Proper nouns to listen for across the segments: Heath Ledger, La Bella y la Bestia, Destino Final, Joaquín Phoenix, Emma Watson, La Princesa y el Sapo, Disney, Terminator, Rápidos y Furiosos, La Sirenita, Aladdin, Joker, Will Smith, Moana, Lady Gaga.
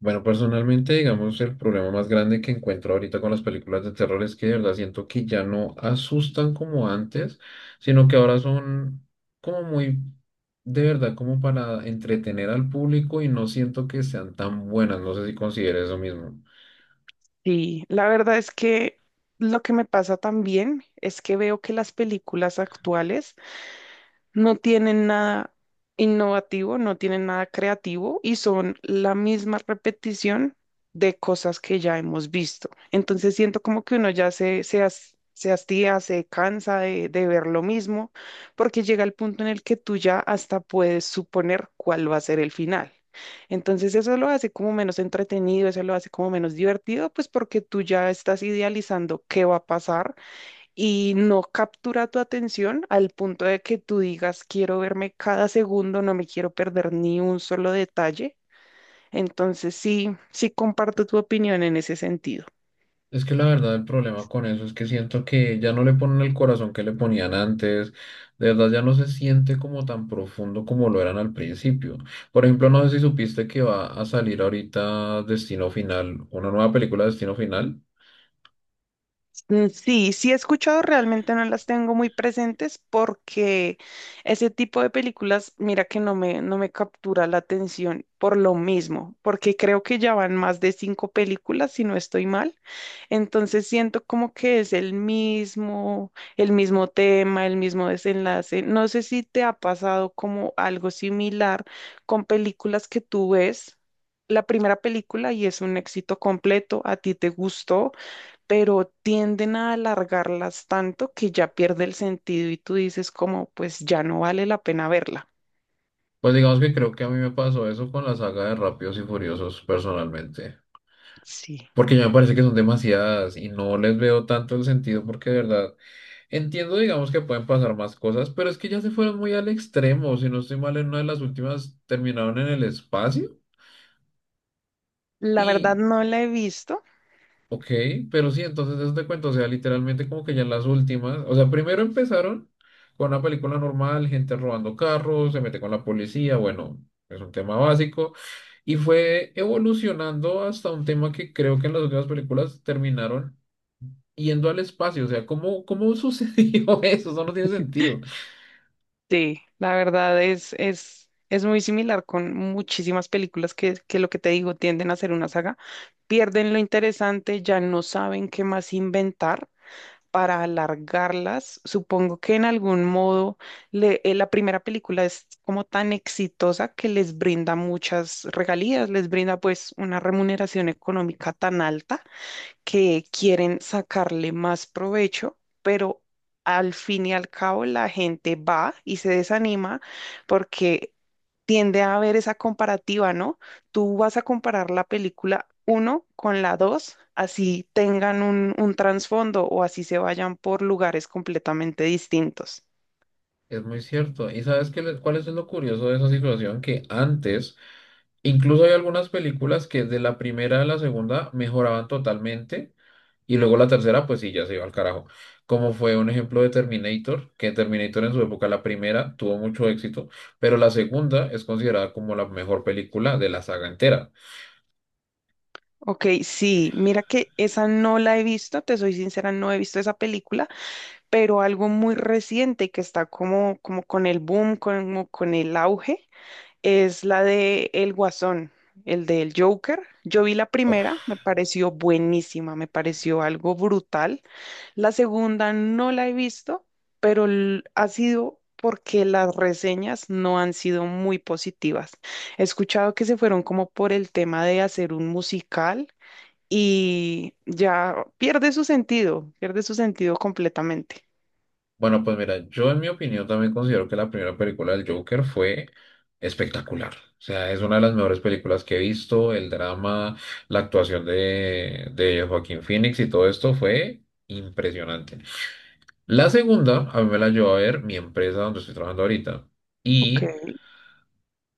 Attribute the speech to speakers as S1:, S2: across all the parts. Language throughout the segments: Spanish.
S1: Bueno, personalmente, digamos, el problema más grande que encuentro ahorita con las películas de terror es que de verdad siento que ya no asustan como antes, sino que ahora son como muy, de verdad, como para entretener al público y no siento que sean tan buenas. No sé si consideres eso mismo.
S2: Sí, la verdad es que lo que me pasa también es que veo que las películas actuales no tienen nada innovativo, no tienen nada creativo y son la misma repetición de cosas que ya hemos visto. Entonces siento como que uno ya se hastía, se cansa de ver lo mismo, porque llega el punto en el que tú ya hasta puedes suponer cuál va a ser el final. Entonces eso lo hace como menos entretenido, eso lo hace como menos divertido, pues porque tú ya estás idealizando qué va a pasar y no captura tu atención al punto de que tú digas, quiero verme cada segundo, no me quiero perder ni un solo detalle. Entonces sí, sí comparto tu opinión en ese sentido.
S1: Es que la verdad el problema con eso es que siento que ya no le ponen el corazón que le ponían antes, de verdad ya no se siente como tan profundo como lo eran al principio. Por ejemplo, no sé si supiste que va a salir ahorita Destino Final, una nueva película de Destino Final.
S2: Mm, sí, sí he escuchado, realmente no las tengo muy presentes porque ese tipo de películas, mira que no me captura la atención por lo mismo, porque creo que ya van más de cinco películas, si no estoy mal. Entonces siento como que es el mismo tema, el mismo desenlace. No sé si te ha pasado como algo similar con películas que tú ves. La primera película y es un éxito completo, a ti te gustó, pero tienden a alargarlas tanto que ya pierde el sentido y tú dices como, pues ya no vale la pena verla.
S1: Pues digamos que creo que a mí me pasó eso con la saga de Rápidos y Furiosos personalmente,
S2: Sí.
S1: porque ya me parece que son demasiadas y no les veo tanto el sentido porque de verdad... Entiendo, digamos, que pueden pasar más cosas, pero es que ya se fueron muy al extremo. Si no estoy mal, en una de las últimas terminaron en el espacio
S2: La verdad
S1: y,
S2: no la he visto.
S1: ok, pero sí, entonces eso te cuento, o sea, literalmente como que ya en las últimas, o sea, primero empezaron con una película normal, gente robando carros, se mete con la policía, bueno, es un tema básico, y fue evolucionando hasta un tema que creo que en las últimas películas terminaron yendo al espacio, o sea, ¿cómo, cómo sucedió eso? Eso no tiene sentido.
S2: Sí, la verdad es muy similar con muchísimas películas que lo que te digo tienden a ser una saga. Pierden lo interesante, ya no saben qué más inventar para alargarlas. Supongo que en algún modo la primera película es como tan exitosa que les brinda muchas regalías, les brinda pues una remuneración económica tan alta que quieren sacarle más provecho, pero al fin y al cabo la gente va y se desanima porque tiende a haber esa comparativa, ¿no? Tú vas a comparar la película uno con la 2, así tengan un trasfondo o así se vayan por lugares completamente distintos.
S1: Es muy cierto. ¿Y sabes qué, cuál es lo curioso de esa situación? Que antes, incluso hay algunas películas que de la primera a la segunda mejoraban totalmente y luego la tercera, pues sí, ya se iba al carajo. Como fue un ejemplo de Terminator, que Terminator en su época, la primera, tuvo mucho éxito, pero la segunda es considerada como la mejor película de la saga entera.
S2: Ok, sí, mira que esa no la he visto, te soy sincera, no he visto esa película, pero algo muy reciente que está como, como con el boom, como con el auge, es la de El Guasón, el del Joker. Yo vi la primera, me pareció buenísima, me pareció algo brutal. La segunda no la he visto, pero ha sido porque las reseñas no han sido muy positivas. He escuchado que se fueron como por el tema de hacer un musical y ya pierde su sentido completamente.
S1: Bueno, pues mira, yo en mi opinión también considero que la primera película del Joker fue espectacular. O sea, es una de las mejores películas que he visto. El drama, la actuación de Joaquín Phoenix y todo esto fue impresionante. La segunda, a mí me la llevó a ver mi empresa donde estoy trabajando ahorita.
S2: Ok.
S1: Y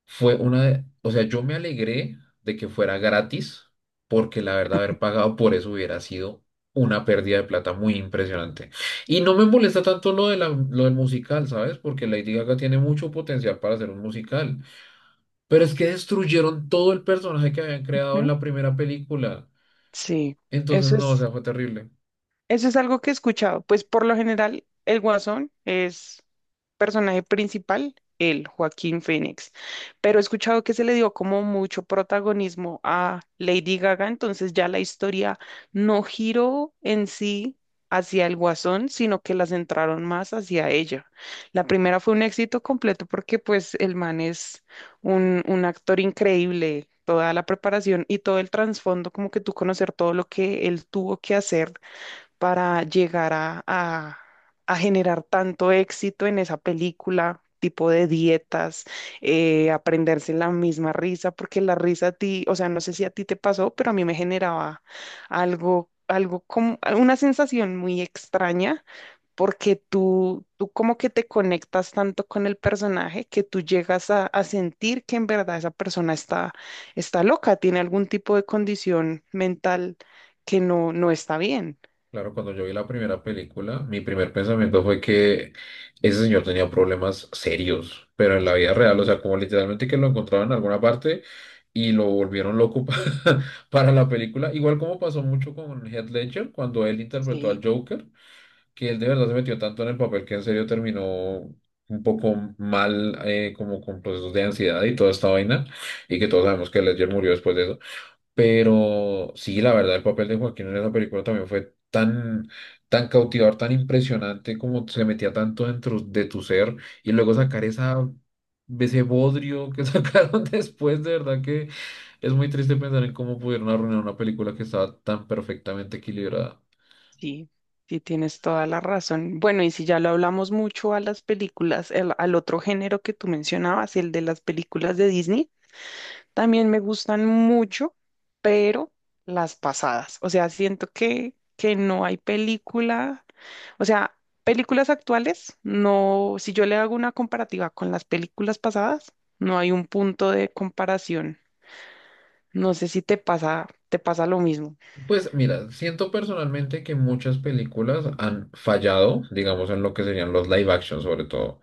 S1: fue una de, o sea, yo me alegré de que fuera gratis, porque la verdad haber pagado por eso hubiera sido una pérdida de plata muy impresionante. Y no me molesta tanto lo del musical, ¿sabes? Porque Lady Gaga tiene mucho potencial para hacer un musical. Pero es que destruyeron todo el personaje que habían creado en
S2: ¿Mm?
S1: la primera película.
S2: Sí,
S1: Entonces,
S2: eso
S1: no, o
S2: es.
S1: sea, fue terrible.
S2: Eso es algo que he escuchado. Pues por lo general, el Guasón es personaje principal, el Joaquín Phoenix. Pero he escuchado que se le dio como mucho protagonismo a Lady Gaga, entonces ya la historia no giró en sí hacia el Guasón, sino que la centraron más hacia ella. La primera fue un éxito completo porque pues el man es un actor increíble. Toda la preparación y todo el trasfondo, como que tú conocer todo lo que él tuvo que hacer para llegar a generar tanto éxito en esa película, tipo de dietas, aprenderse la misma risa, porque la risa a ti, o sea, no sé si a ti te pasó, pero a mí me generaba algo como una sensación muy extraña, porque tú como que te conectas tanto con el personaje que tú llegas a sentir que en verdad esa persona está, está loca, tiene algún tipo de condición mental que no está bien.
S1: Claro, cuando yo vi la primera película, mi primer pensamiento fue que ese señor tenía problemas serios, pero en la vida real, o sea, como literalmente que lo encontraron en alguna parte y lo volvieron loco para la película. Igual como pasó mucho con Heath Ledger cuando él interpretó al Joker, que él de verdad se metió tanto en el papel que en serio terminó un poco mal, como con procesos de ansiedad y toda esta vaina, y que todos sabemos que Ledger murió después de eso. Pero sí, la verdad, el papel de Joaquín en esa película también fue tan, tan cautivador, tan impresionante, como se metía tanto dentro de tu ser, y luego sacar ese bodrio que sacaron después, de verdad que es muy triste pensar en cómo pudieron arruinar una película que estaba tan perfectamente equilibrada.
S2: Sí, sí, tienes toda la razón. Bueno, y si ya lo hablamos mucho a las películas, al otro género que tú mencionabas, el de las películas de Disney, también me gustan mucho, pero las pasadas. O sea, siento que no hay película, o sea, películas actuales, no, si yo le hago una comparativa con las películas pasadas, no hay un punto de comparación. No sé si te pasa, te pasa lo mismo.
S1: Pues mira, siento personalmente que muchas películas han fallado, digamos, en lo que serían los live action, sobre todo.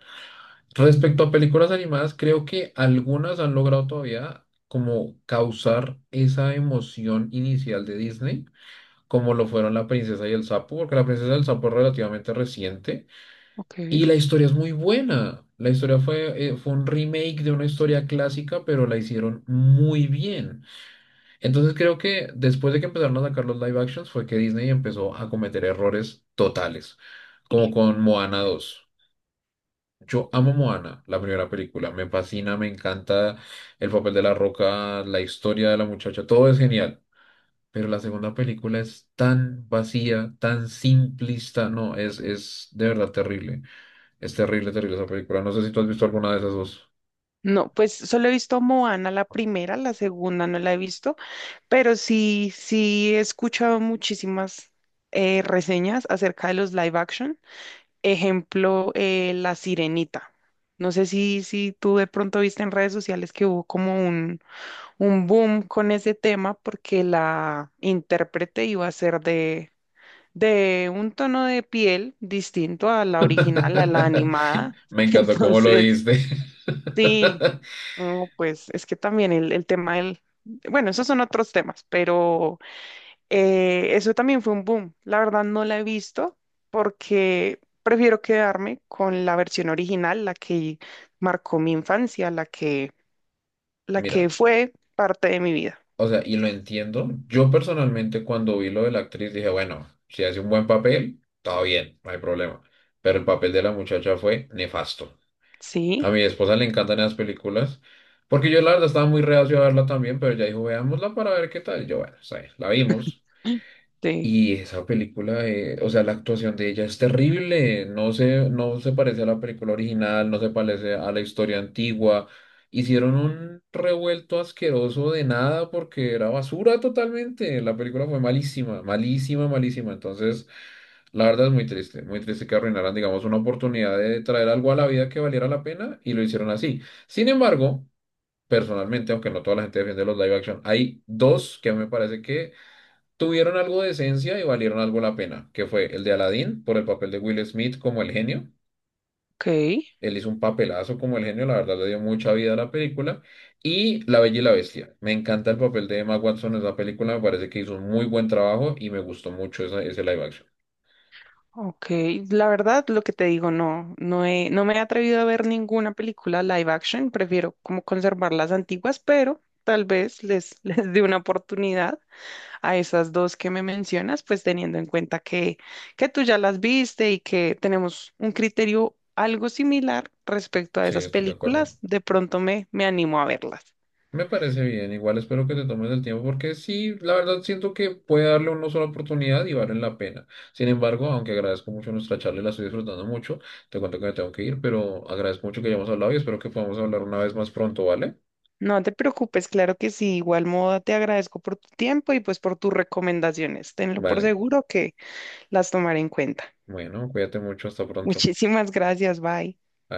S1: Respecto a películas animadas, creo que algunas han logrado todavía como causar esa emoción inicial de Disney, como lo fueron La Princesa y el Sapo, porque La Princesa y el Sapo es relativamente reciente
S2: Ok.
S1: y la historia es muy buena. La historia fue un remake de una historia clásica, pero la hicieron muy bien. Entonces creo que después de que empezaron a sacar los live actions fue que Disney empezó a cometer errores totales, como con Moana 2 yo amo Moana, la primera película. Me fascina, me encanta el papel de la roca, la historia de la muchacha, todo es genial. Pero la segunda película es tan vacía, tan simplista. No, es de verdad terrible. Es terrible, terrible esa película. No sé si tú has visto alguna de esas dos.
S2: No, pues solo he visto Moana la primera, la segunda no la he visto, pero sí, sí he escuchado muchísimas reseñas acerca de los live action. Ejemplo, La Sirenita. No sé si tú de pronto viste en redes sociales que hubo como un boom con ese tema porque la intérprete iba a ser de un tono de piel distinto a la original, a la animada.
S1: Me encantó cómo lo
S2: Entonces,
S1: dijiste.
S2: sí. No, pues es que también el tema del... Bueno, esos son otros temas, pero eso también fue un boom. La verdad no la he visto porque prefiero quedarme con la versión original, la que marcó mi infancia, la
S1: Mira.
S2: que fue parte de mi vida.
S1: O sea, y lo entiendo. Yo personalmente cuando vi lo de la actriz dije, bueno, si hace un buen papel, todo bien, no hay problema. Pero el papel de la muchacha fue nefasto.
S2: Sí,
S1: A mi esposa le encantan esas películas, porque yo la verdad estaba muy reacio a verla también, pero ya dijo, veámosla para ver qué tal. Y yo, bueno, está bien, la vimos.
S2: sí,
S1: Y esa película, o sea, la actuación de ella es terrible, no se parece a la película original, no se parece a la historia antigua. Hicieron un revuelto asqueroso de nada porque era basura totalmente. La película fue malísima, malísima, malísima. Entonces, la verdad es muy triste que arruinaran, digamos, una oportunidad de traer algo a la vida que valiera la pena y lo hicieron así. Sin embargo, personalmente, aunque no toda la gente defiende los live action, hay dos que me parece que tuvieron algo de esencia y valieron algo la pena, que fue el de Aladdin por el papel de Will Smith como el genio.
S2: ok.
S1: Él hizo un papelazo como el genio, la verdad le dio mucha vida a la película. Y La Bella y la Bestia. Me encanta el papel de Emma Watson en esa película, me parece que hizo un muy buen trabajo y me gustó mucho ese live action.
S2: Ok, la verdad, lo que te digo, no, no me he atrevido a ver ninguna película live action, prefiero como conservar las antiguas, pero tal vez les dé una oportunidad a esas dos que me mencionas, pues teniendo en cuenta que tú ya las viste y que tenemos un criterio algo similar respecto a
S1: Sí,
S2: esas
S1: estoy de acuerdo.
S2: películas, de pronto me animo a verlas.
S1: Me parece bien, igual espero que te tomes el tiempo porque sí, la verdad siento que puede darle una sola oportunidad y vale la pena. Sin embargo, aunque agradezco mucho nuestra charla y la estoy disfrutando mucho, te cuento que me tengo que ir, pero agradezco mucho que hayamos hablado y espero que podamos hablar una vez más pronto, ¿vale?
S2: No te preocupes, claro que sí, igual modo te agradezco por tu tiempo y pues por tus recomendaciones. Tenlo por
S1: Vale,
S2: seguro que las tomaré en cuenta.
S1: bueno, cuídate mucho, hasta pronto.
S2: Muchísimas gracias, bye.
S1: Adiós.